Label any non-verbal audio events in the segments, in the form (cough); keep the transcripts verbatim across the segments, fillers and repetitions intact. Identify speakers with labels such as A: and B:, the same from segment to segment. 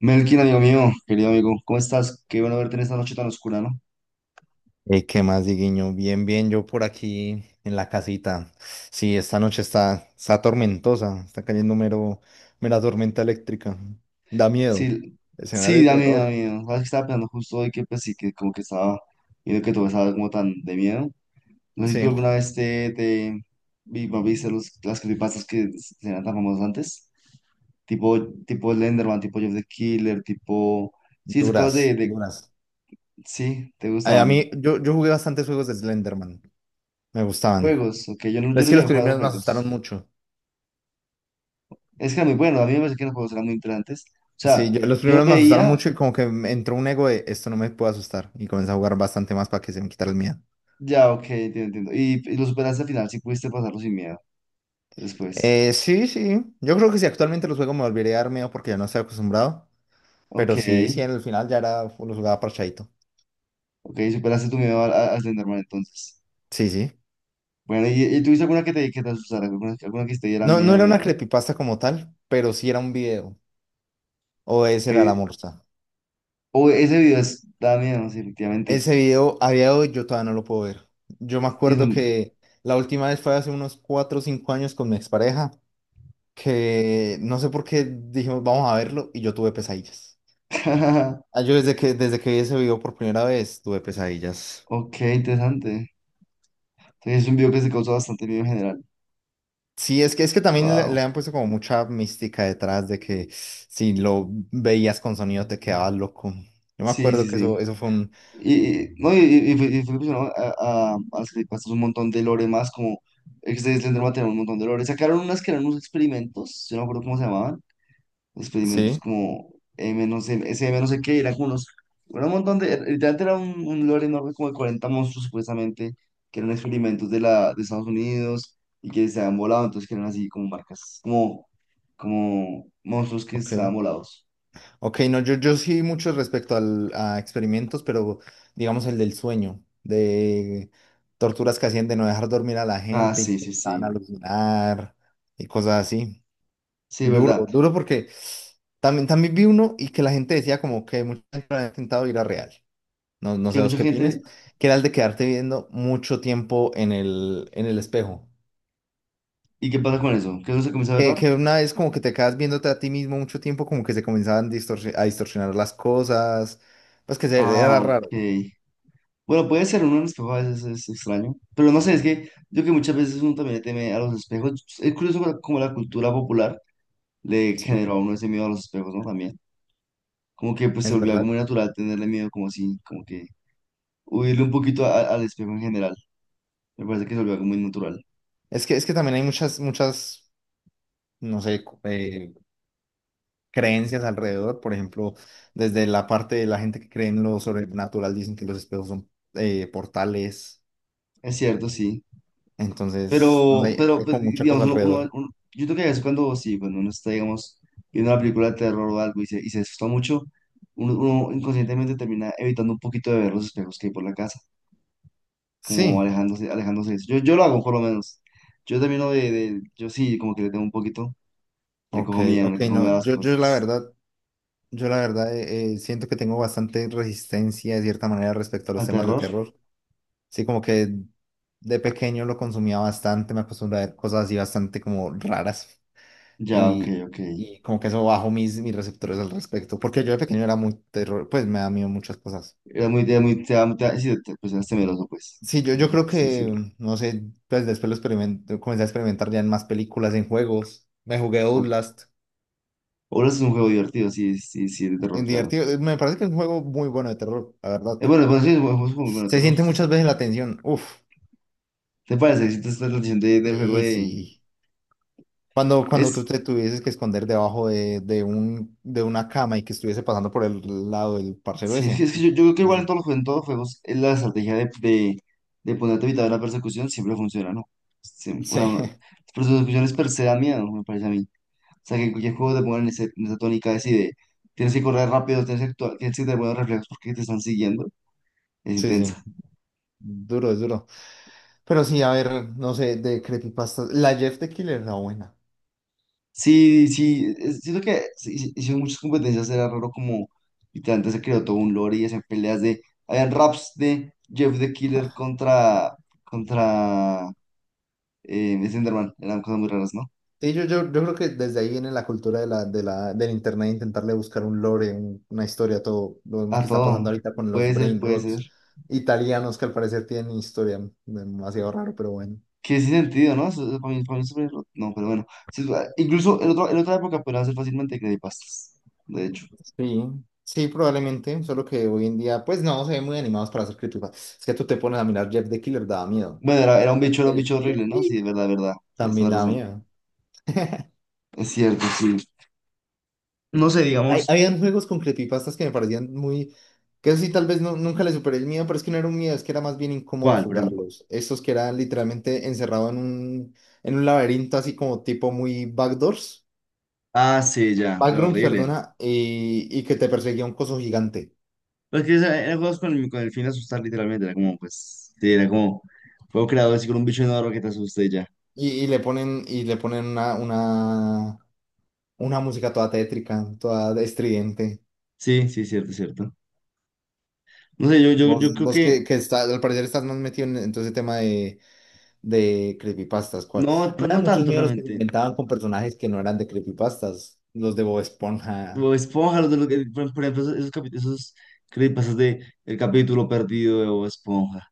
A: Melkin, amigo mío, querido amigo, ¿cómo estás? Qué bueno verte en esta noche tan oscura, ¿no?
B: Eh, ¿qué más, Diguiño? Bien, bien, yo por aquí en la casita. Sí, esta noche está, está tormentosa, está cayendo mero, mera tormenta eléctrica. Da miedo.
A: Sí,
B: Escenario
A: sí,
B: de
A: da miedo, da
B: terror.
A: miedo. Sabes que estaba pensando justo hoy que, pues sí, que como que estaba viendo que todo estaba como tan de miedo. No sé si tú
B: Sí,
A: alguna vez te, te vi- no, viste los, las creepypastas que eran tan famosas antes, tipo, tipo Slenderman, tipo Jeff the Killer, tipo, sí, esas cosas de,
B: duras,
A: de,
B: duras.
A: sí, te
B: Ay, a
A: gustaban.
B: mí, yo, yo jugué bastantes juegos de Slenderman. Me gustaban.
A: Juegos, ok, yo no, yo
B: Es
A: no
B: que
A: llegué
B: los
A: a jugar a los
B: primeros me asustaron
A: juegos.
B: mucho.
A: Es que era muy bueno, a mí me parece que los juegos eran muy interesantes. O sea,
B: Sí, yo- los
A: yo
B: primeros me asustaron
A: veía.
B: mucho y como que me entró un ego de esto no me puede asustar. Y comencé a jugar bastante más para que se me quitara el miedo.
A: Ya, ok, entiendo, entiendo. Y, y lo superaste al final, sí pudiste pasarlo sin miedo después.
B: Eh, sí, sí. Yo creo que si actualmente los juego me volvería a dar miedo porque ya no estoy acostumbrado.
A: Ok,
B: Pero sí, sí, en el final ya era, lo jugaba parchadito.
A: ok, superaste tu miedo al, al al Slenderman entonces.
B: Sí, sí.
A: Bueno, ¿y, y tuviste alguna que te, que te asustara? ¿Alguna, alguna que te diera
B: No, no
A: miedo,
B: era una
A: miedo?
B: creepypasta como tal, pero sí era un video. O ese era
A: Okay.
B: la morsa.
A: O ese video es, da miedo, sí, efectivamente.
B: Ese video, a día de hoy, yo todavía no lo puedo ver. Yo me
A: Sí, es
B: acuerdo
A: un…
B: que la última vez fue hace unos cuatro o cinco años con mi expareja, que no sé por qué dijimos, vamos a verlo, y yo tuve pesadillas.
A: (laughs)
B: Ah, yo desde que, desde que vi ese video por primera vez, tuve pesadillas.
A: Ok, interesante. Entonces, es un video que se causó bastante miedo en general.
B: Sí, es que, es que también le, le
A: Wow.
B: han puesto como mucha mística detrás de que si lo veías con sonido te quedabas loco. Yo me
A: Sí,
B: acuerdo
A: sí,
B: que eso,
A: sí.
B: eso fue un...
A: Y, y- no, y, y- y fue, y fue impresionante a, a, a hacer hasta un montón de lore más, como ex de Slenderman tenía un montón de lore. Sacaron unas que eran unos experimentos, yo no me acuerdo cómo se llamaban, experimentos
B: Sí,
A: como M no sé, S M no sé qué, eran como unos, era un montón de, literalmente era un, un lore enorme como de cuarenta monstruos supuestamente, que eran experimentos de, la, de Estados Unidos y que se habían volado, entonces que eran así como marcas, como, como monstruos que
B: ok.
A: estaban volados.
B: Ok, no, yo, yo sí mucho respecto al, a experimentos, pero digamos el del sueño, de torturas que hacían de no dejar dormir a la
A: Ah,
B: gente y que
A: sí,
B: te
A: sí,
B: dejaban
A: sí,
B: alucinar y cosas así.
A: sí,
B: Duro,
A: verdad,
B: duro porque también, también vi uno y que la gente decía como que mucha gente había intentado ir a real. No, no
A: que
B: sé vos
A: mucha
B: qué opines,
A: gente…
B: que era el de quedarte viendo mucho tiempo en el, en el espejo.
A: ¿Y qué pasa con eso? ¿Que no se comienza a ver
B: Que,
A: raro?
B: que una vez como que te quedas viéndote a ti mismo mucho tiempo, como que se comenzaban distorsi- a distorsionar las cosas, pues que se, era
A: Ah,
B: raro,
A: ok. Bueno, puede ser, uno en el espejo a veces es extraño, pero no sé, es que yo que muchas veces uno también le teme a los espejos, es curioso como como la cultura popular le
B: sí,
A: generó a uno ese miedo a los espejos, ¿no? También, como que pues se
B: es
A: volvió algo
B: verdad.
A: muy natural tenerle miedo, como así, como que huirle un poquito a- al espejo en general, me parece que se volvió algo muy natural.
B: Es que, es que también hay muchas, muchas, no sé, cu- eh, creencias alrededor, por ejemplo, desde la parte de la gente que cree en lo sobrenatural, dicen que los espejos son eh, portales,
A: Es cierto, sí.
B: entonces, no
A: Pero,
B: sé,
A: pero
B: hay
A: pues,
B: como mucha
A: digamos,
B: cosa
A: uno, uno-
B: alrededor.
A: uno- yo creo que a veces cuando, sí, cuando uno está, digamos, viendo una película de terror o algo y se, y se asusta mucho, uno, uno inconscientemente termina evitando un poquito de ver los espejos que hay por la casa, como
B: Sí.
A: alejándose, alejándose de eso. Yo, yo lo hago, por lo menos. Yo termino de, de- yo sí, como que le tengo un poquito, le
B: Ok,
A: cojo miedo,
B: ok,
A: le cojo miedo a
B: no,
A: las
B: yo, yo la
A: cosas.
B: verdad, yo la verdad eh, eh, siento que tengo bastante resistencia de cierta manera respecto a los
A: ¿Al
B: temas de
A: terror?
B: terror. Sí, como que de pequeño lo consumía bastante, me acostumbré a ver cosas así bastante como raras
A: Ya, ok,
B: y,
A: ok.
B: y como que eso bajó mis, mis receptores al respecto, porque yo de pequeño era muy terror, pues me da miedo muchas cosas.
A: Era muy, era muy, te, da- te, da- sí, te- pues eras temeroso, pues,
B: Sí, yo, yo creo
A: sí decirlo.
B: que, no sé, pues después lo experimento, comencé a experimentar ya en más películas, en juegos, me jugué
A: O,
B: Outlast,
A: o es un juego divertido, sí, sí, sí, de terror,
B: en
A: claro.
B: divertido, me parece que es un juego muy bueno de terror, la verdad.
A: Eh, bueno, pues sí, es un juego muy bueno de
B: Se
A: terror,
B: siente
A: sí, sí.
B: muchas veces la tensión. Uf,
A: ¿Te parece? Si te está la de- del juego
B: sí,
A: de…
B: sí. Cuando, cuando tú
A: Es,
B: te tuvieses que esconder debajo de, de un, de una cama y que estuviese pasando por el lado del parcero
A: sí, es que,
B: ese.
A: es que yo, yo creo que
B: Sí,
A: igual en
B: sí,
A: todos los, jue- en todos los juegos eh, la estrategia de, de, de ponerte a evitar la persecución siempre funciona, ¿no? Sí, bueno,
B: sí,
A: no,
B: (laughs)
A: las persecuciones per se dan miedo, me parece a mí. O sea, que en cualquier juego te pongan en, ese- en esa tónica así de tienes que correr rápido, tienes que actuar, tienes que tener buenos reflejos porque te están siguiendo. Es
B: sí, sí.
A: intenso.
B: Duro, es duro. Pero sí, a ver, no sé, de creepypastas. La Jeff the Killer era buena.
A: Sí, sí, es- siento que se hice- hicieron muchas competencias, era raro como literalmente se creó todo un lore y hacían peleas de, habían raps de Jeff the Killer contra, contra eh, Slenderman, eran cosas muy raras, ¿no?
B: Sí, yo, yo, yo creo que desde ahí viene la cultura de la, de la, del internet, intentarle buscar un lore, un- una historia, todo. Lo vemos
A: A
B: que está pasando
A: todo,
B: ahorita con los
A: puede ser,
B: brain
A: puede ser.
B: rots italianos que al parecer tienen historia. Demasiado raro, pero bueno.
A: Que sin sentido, ¿no? Eso- eso para mí, para mí es súper raro. No, pero bueno. Sí, ah, incluso en, otro- en otra época podían ser fácilmente creepypastas, de hecho.
B: Sí, sí, probablemente, solo que hoy en día, pues no, se ven muy animados para hacer creepypastas. Es que tú te pones a mirar Jeff the Killer, daba miedo.
A: Bueno, era, era un bicho, era un
B: El
A: bicho horrible, ¿no? Sí, es verdad, es verdad,
B: (laughs)
A: tienes
B: también
A: toda
B: daba
A: razón,
B: miedo. (laughs)
A: es cierto, sí. No sé,
B: Hay,
A: digamos,
B: habían juegos con creepypastas que me parecían muy... Que eso sí, tal vez no- nunca le superé el miedo, pero es que no era un miedo, es que era más bien incómodo
A: ¿cuál, por ejemplo?
B: jugarlos. Estos que eran literalmente encerrado en un, en un laberinto así como tipo muy backdoors,
A: Ah, sí, ya, fue
B: backrooms,
A: horrible.
B: perdona, y, y que te perseguía un coso gigante.
A: Pero es que esa- eran juegos con el, con el fin de asustar, literalmente. Era como, pues, sí, era como, juego creado así con un bicho enorme que te asuste y ya.
B: Y, y le ponen, y le ponen una, una Una música toda tétrica, toda estridente.
A: Sí, sí, cierto, cierto. No sé, yo, yo, yo
B: Vos,
A: creo
B: vos
A: que,
B: que, que está, al parecer estás más metido en, en todo ese tema de, de creepypastas, ¿cuál? A
A: no,
B: mí
A: t-
B: me
A: no
B: dan muchos
A: tanto
B: miedos los que se
A: realmente.
B: inventaban con personajes que no eran de creepypastas. Los de Bob Esponja,
A: Como Esponja, los de los que- por, por ejemplo, esos, esos, capi- esos creepypastas de El capítulo perdido de Bob Esponja.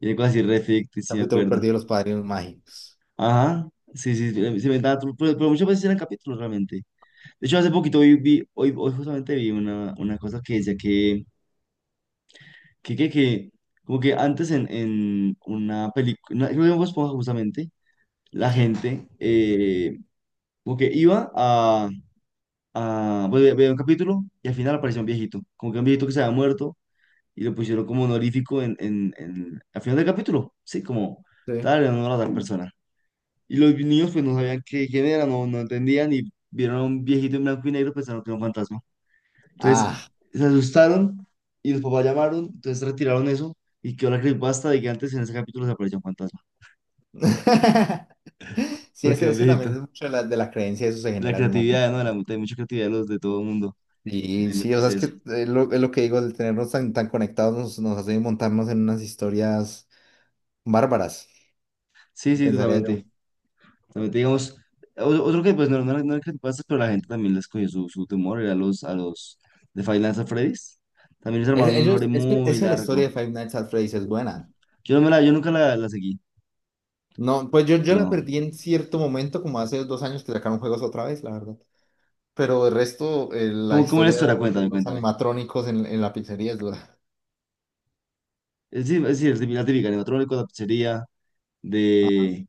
A: Y de cosas así, re ficticias, sí, me
B: capítulo
A: acuerdo.
B: perdido de los padrinos mágicos.
A: Ajá, sí, sí, sí, se inventaba, tru- pero, pero muchas veces eran capítulos realmente. De hecho, hace poquito hoy vi, hoy, hoy justamente vi una, una cosa que decía que. que, que, que, como que antes en, en una película, creo que en Bob Esponja justamente, la
B: Sí,
A: gente eh, como que iba a, a bueno, ve- veía un capítulo y al final aparecía un viejito, como que un viejito que se había muerto y lo pusieron como honorífico en, en, en- al final del capítulo, sí, como
B: sí.
A: tal, en honor a tal persona. Y los niños pues no sabían qué, quién era, no, no entendían y vieron a un viejito en blanco y negro pensaron que era un fantasma. Entonces
B: Ah.
A: se asustaron y los papás llamaron, entonces retiraron eso y quedó la creepypasta de que antes en ese capítulo se apareció un fantasma,
B: (laughs) Sí, es
A: porque
B: que,
A: era un
B: es que también
A: viejito.
B: es mucho de la, de la creencia, eso se
A: De la
B: genera en un
A: creatividad,
B: momento.
A: ¿no? De la, hay mucha creatividad de los de todo el mundo, de
B: Y sí, o sea,
A: inventarse
B: es que
A: eso.
B: eh, lo- es lo, que digo, el tenernos tan, tan conectados nos, nos hace montarnos en unas historias bárbaras.
A: Sí, sí,
B: Pensaría yo.
A: totalmente. Totalmente, digamos, o- otro que pues no, no, era- no era creepypasta, pero la gente también les cogió su, su temor, era los, a los de Five Nights at Freddy's. También les
B: Es,
A: armaron un lore
B: ellos, es que, es
A: muy
B: que la historia
A: largo.
B: de Five Nights at Freddy's es buena.
A: Yo, no me la, yo nunca la, la seguí,
B: No, pues yo, yo la
A: no.
B: perdí en cierto momento, como hace dos años que sacaron juegos otra vez, la verdad. Pero el resto, eh, la
A: ¿Cómo, cómo era la
B: historia
A: historia?
B: de, de
A: Cuéntame,
B: los
A: cuéntame.
B: animatrónicos en, en la pizzería es dura.
A: Es decir, es decir, la típica, la típica, animatrónico, la pizzería,
B: Ajá.
A: de.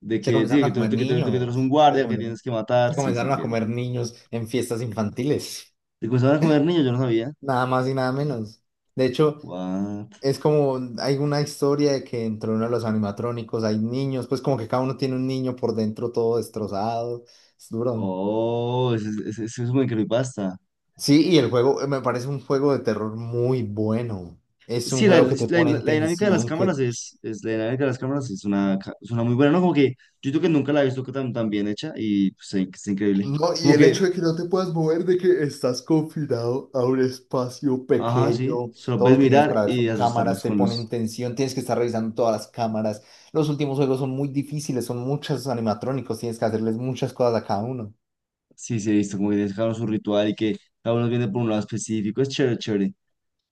A: De
B: Se
A: que,
B: comenzaron
A: sí, que
B: a
A: tú, que
B: comer
A: tú- que tú- que tú eres un
B: niños. Se
A: guardia que
B: comenzaron,
A: tienes que matar.
B: se
A: Sí, sí,
B: comenzaron a
A: entiendo.
B: comer niños en fiestas infantiles.
A: Te comenzaban a comer niños, yo no sabía.
B: Nada más y nada menos. De hecho,
A: What?
B: es como, hay una historia de que dentro de uno de los animatrónicos hay niños, pues como que cada uno tiene un niño por dentro todo destrozado. Es duro.
A: Oh, eso es, eso es eso es muy creepypasta.
B: Sí, y el juego eh, me parece un juego de terror muy bueno. Es un
A: Sí, la,
B: juego
A: la-
B: que te pone en
A: la dinámica de las
B: tensión, que...
A: cámaras es, es, la dinámica de las cámaras es una, ca- es una muy buena, ¿no? Como que yo creo que nunca la he visto tan, tan bien hecha y pues, sí, que es increíble.
B: No, y
A: Como
B: el hecho
A: que,
B: de que no te puedas mover, de que estás confinado a un espacio
A: ajá, sí,
B: pequeño.
A: solo
B: Todo
A: puedes
B: lo que tienes
A: mirar
B: para ver
A: y
B: son cámaras,
A: asustarlos
B: te
A: con
B: pone en
A: los…
B: tensión, tienes que estar revisando todas las cámaras. Los últimos juegos son muy difíciles, son muchos animatrónicos, tienes que hacerles muchas cosas a cada uno.
A: Sí, sí, he visto como que tienes cada uno su ritual y que cada uno viene por un lado específico. Es chévere, chévere.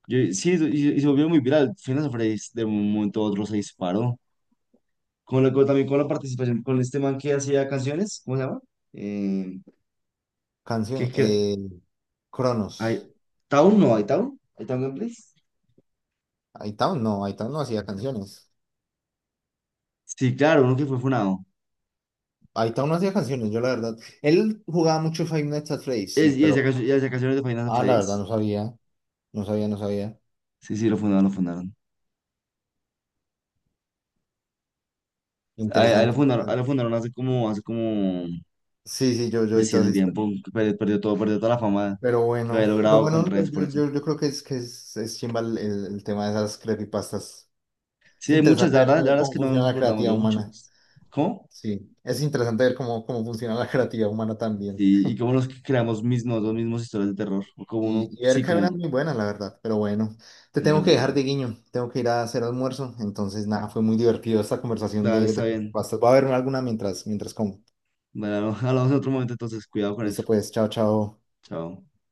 A: Yo- sí, y, y se volvió muy viral. Finas Freddy's de un momento a otro se disparó. Con la, con- también con la participación con este man que hacía canciones, ¿cómo se llama? Eh, que,
B: Canción,
A: que,
B: eh,
A: hay,
B: Cronos.
A: ¿Town? No, ¿hay Town? ¿Hay Town Gameplays?
B: Hightown no, Hightown no hacía canciones.
A: Sí, claro, uno que fue funado.
B: Ahí está uno hacía canciones, yo la verdad. Él jugaba mucho Five Nights at Freddy's, sí,
A: Es, y hacía
B: pero.
A: cancio- y hacía canciones de Finas
B: Ah, la verdad,
A: Freddy's.
B: no sabía. No sabía, no sabía.
A: Sí, sí, lo fundaron, lo fundaron. Ahí, ahí lo
B: Interesante,
A: fundaron, ahí
B: interesante.
A: lo fundaron hace como, hace como,
B: Sí, sí, yo, yo
A: pues
B: vi
A: sí,
B: todas
A: hace
B: estas.
A: tiempo. Que perdió, perdió todo, perdió toda la fama
B: Pero
A: que había
B: bueno, pero
A: logrado con
B: bueno, yo,
A: redes por eso.
B: yo, yo creo que es que es, es chimba el, el- el tema de esas creepypastas. Es
A: Sí, hay muchas,
B: interesante
A: la
B: ver
A: verdad, la
B: cómo,
A: verdad es
B: cómo
A: que no
B: funciona
A: nos
B: la
A: acordamos
B: creatividad
A: de
B: humana.
A: muchos. ¿Cómo?
B: Sí, es interesante ver cómo, cómo funciona la creatividad humana también.
A: Sí, y como nos creamos mismos, los mismos historias de terror. O como uno,
B: Y, y ver
A: sí,
B: que hay unas
A: como,
B: muy buenas, la verdad. Pero bueno, te
A: es
B: tengo
A: verdad,
B: que
A: es
B: dejar de
A: verdad.
B: guiño. Tengo que ir a hacer almuerzo. Entonces, nada, fue muy divertido esta conversación
A: Dale,
B: de,
A: está
B: de
A: bien.
B: pastas. Voy a verme alguna mientras, mientras como.
A: Bueno, (laughs) hablamos en otro momento, entonces, cuidado con
B: Listo,
A: eso.
B: pues, chao, chao.
A: Chao.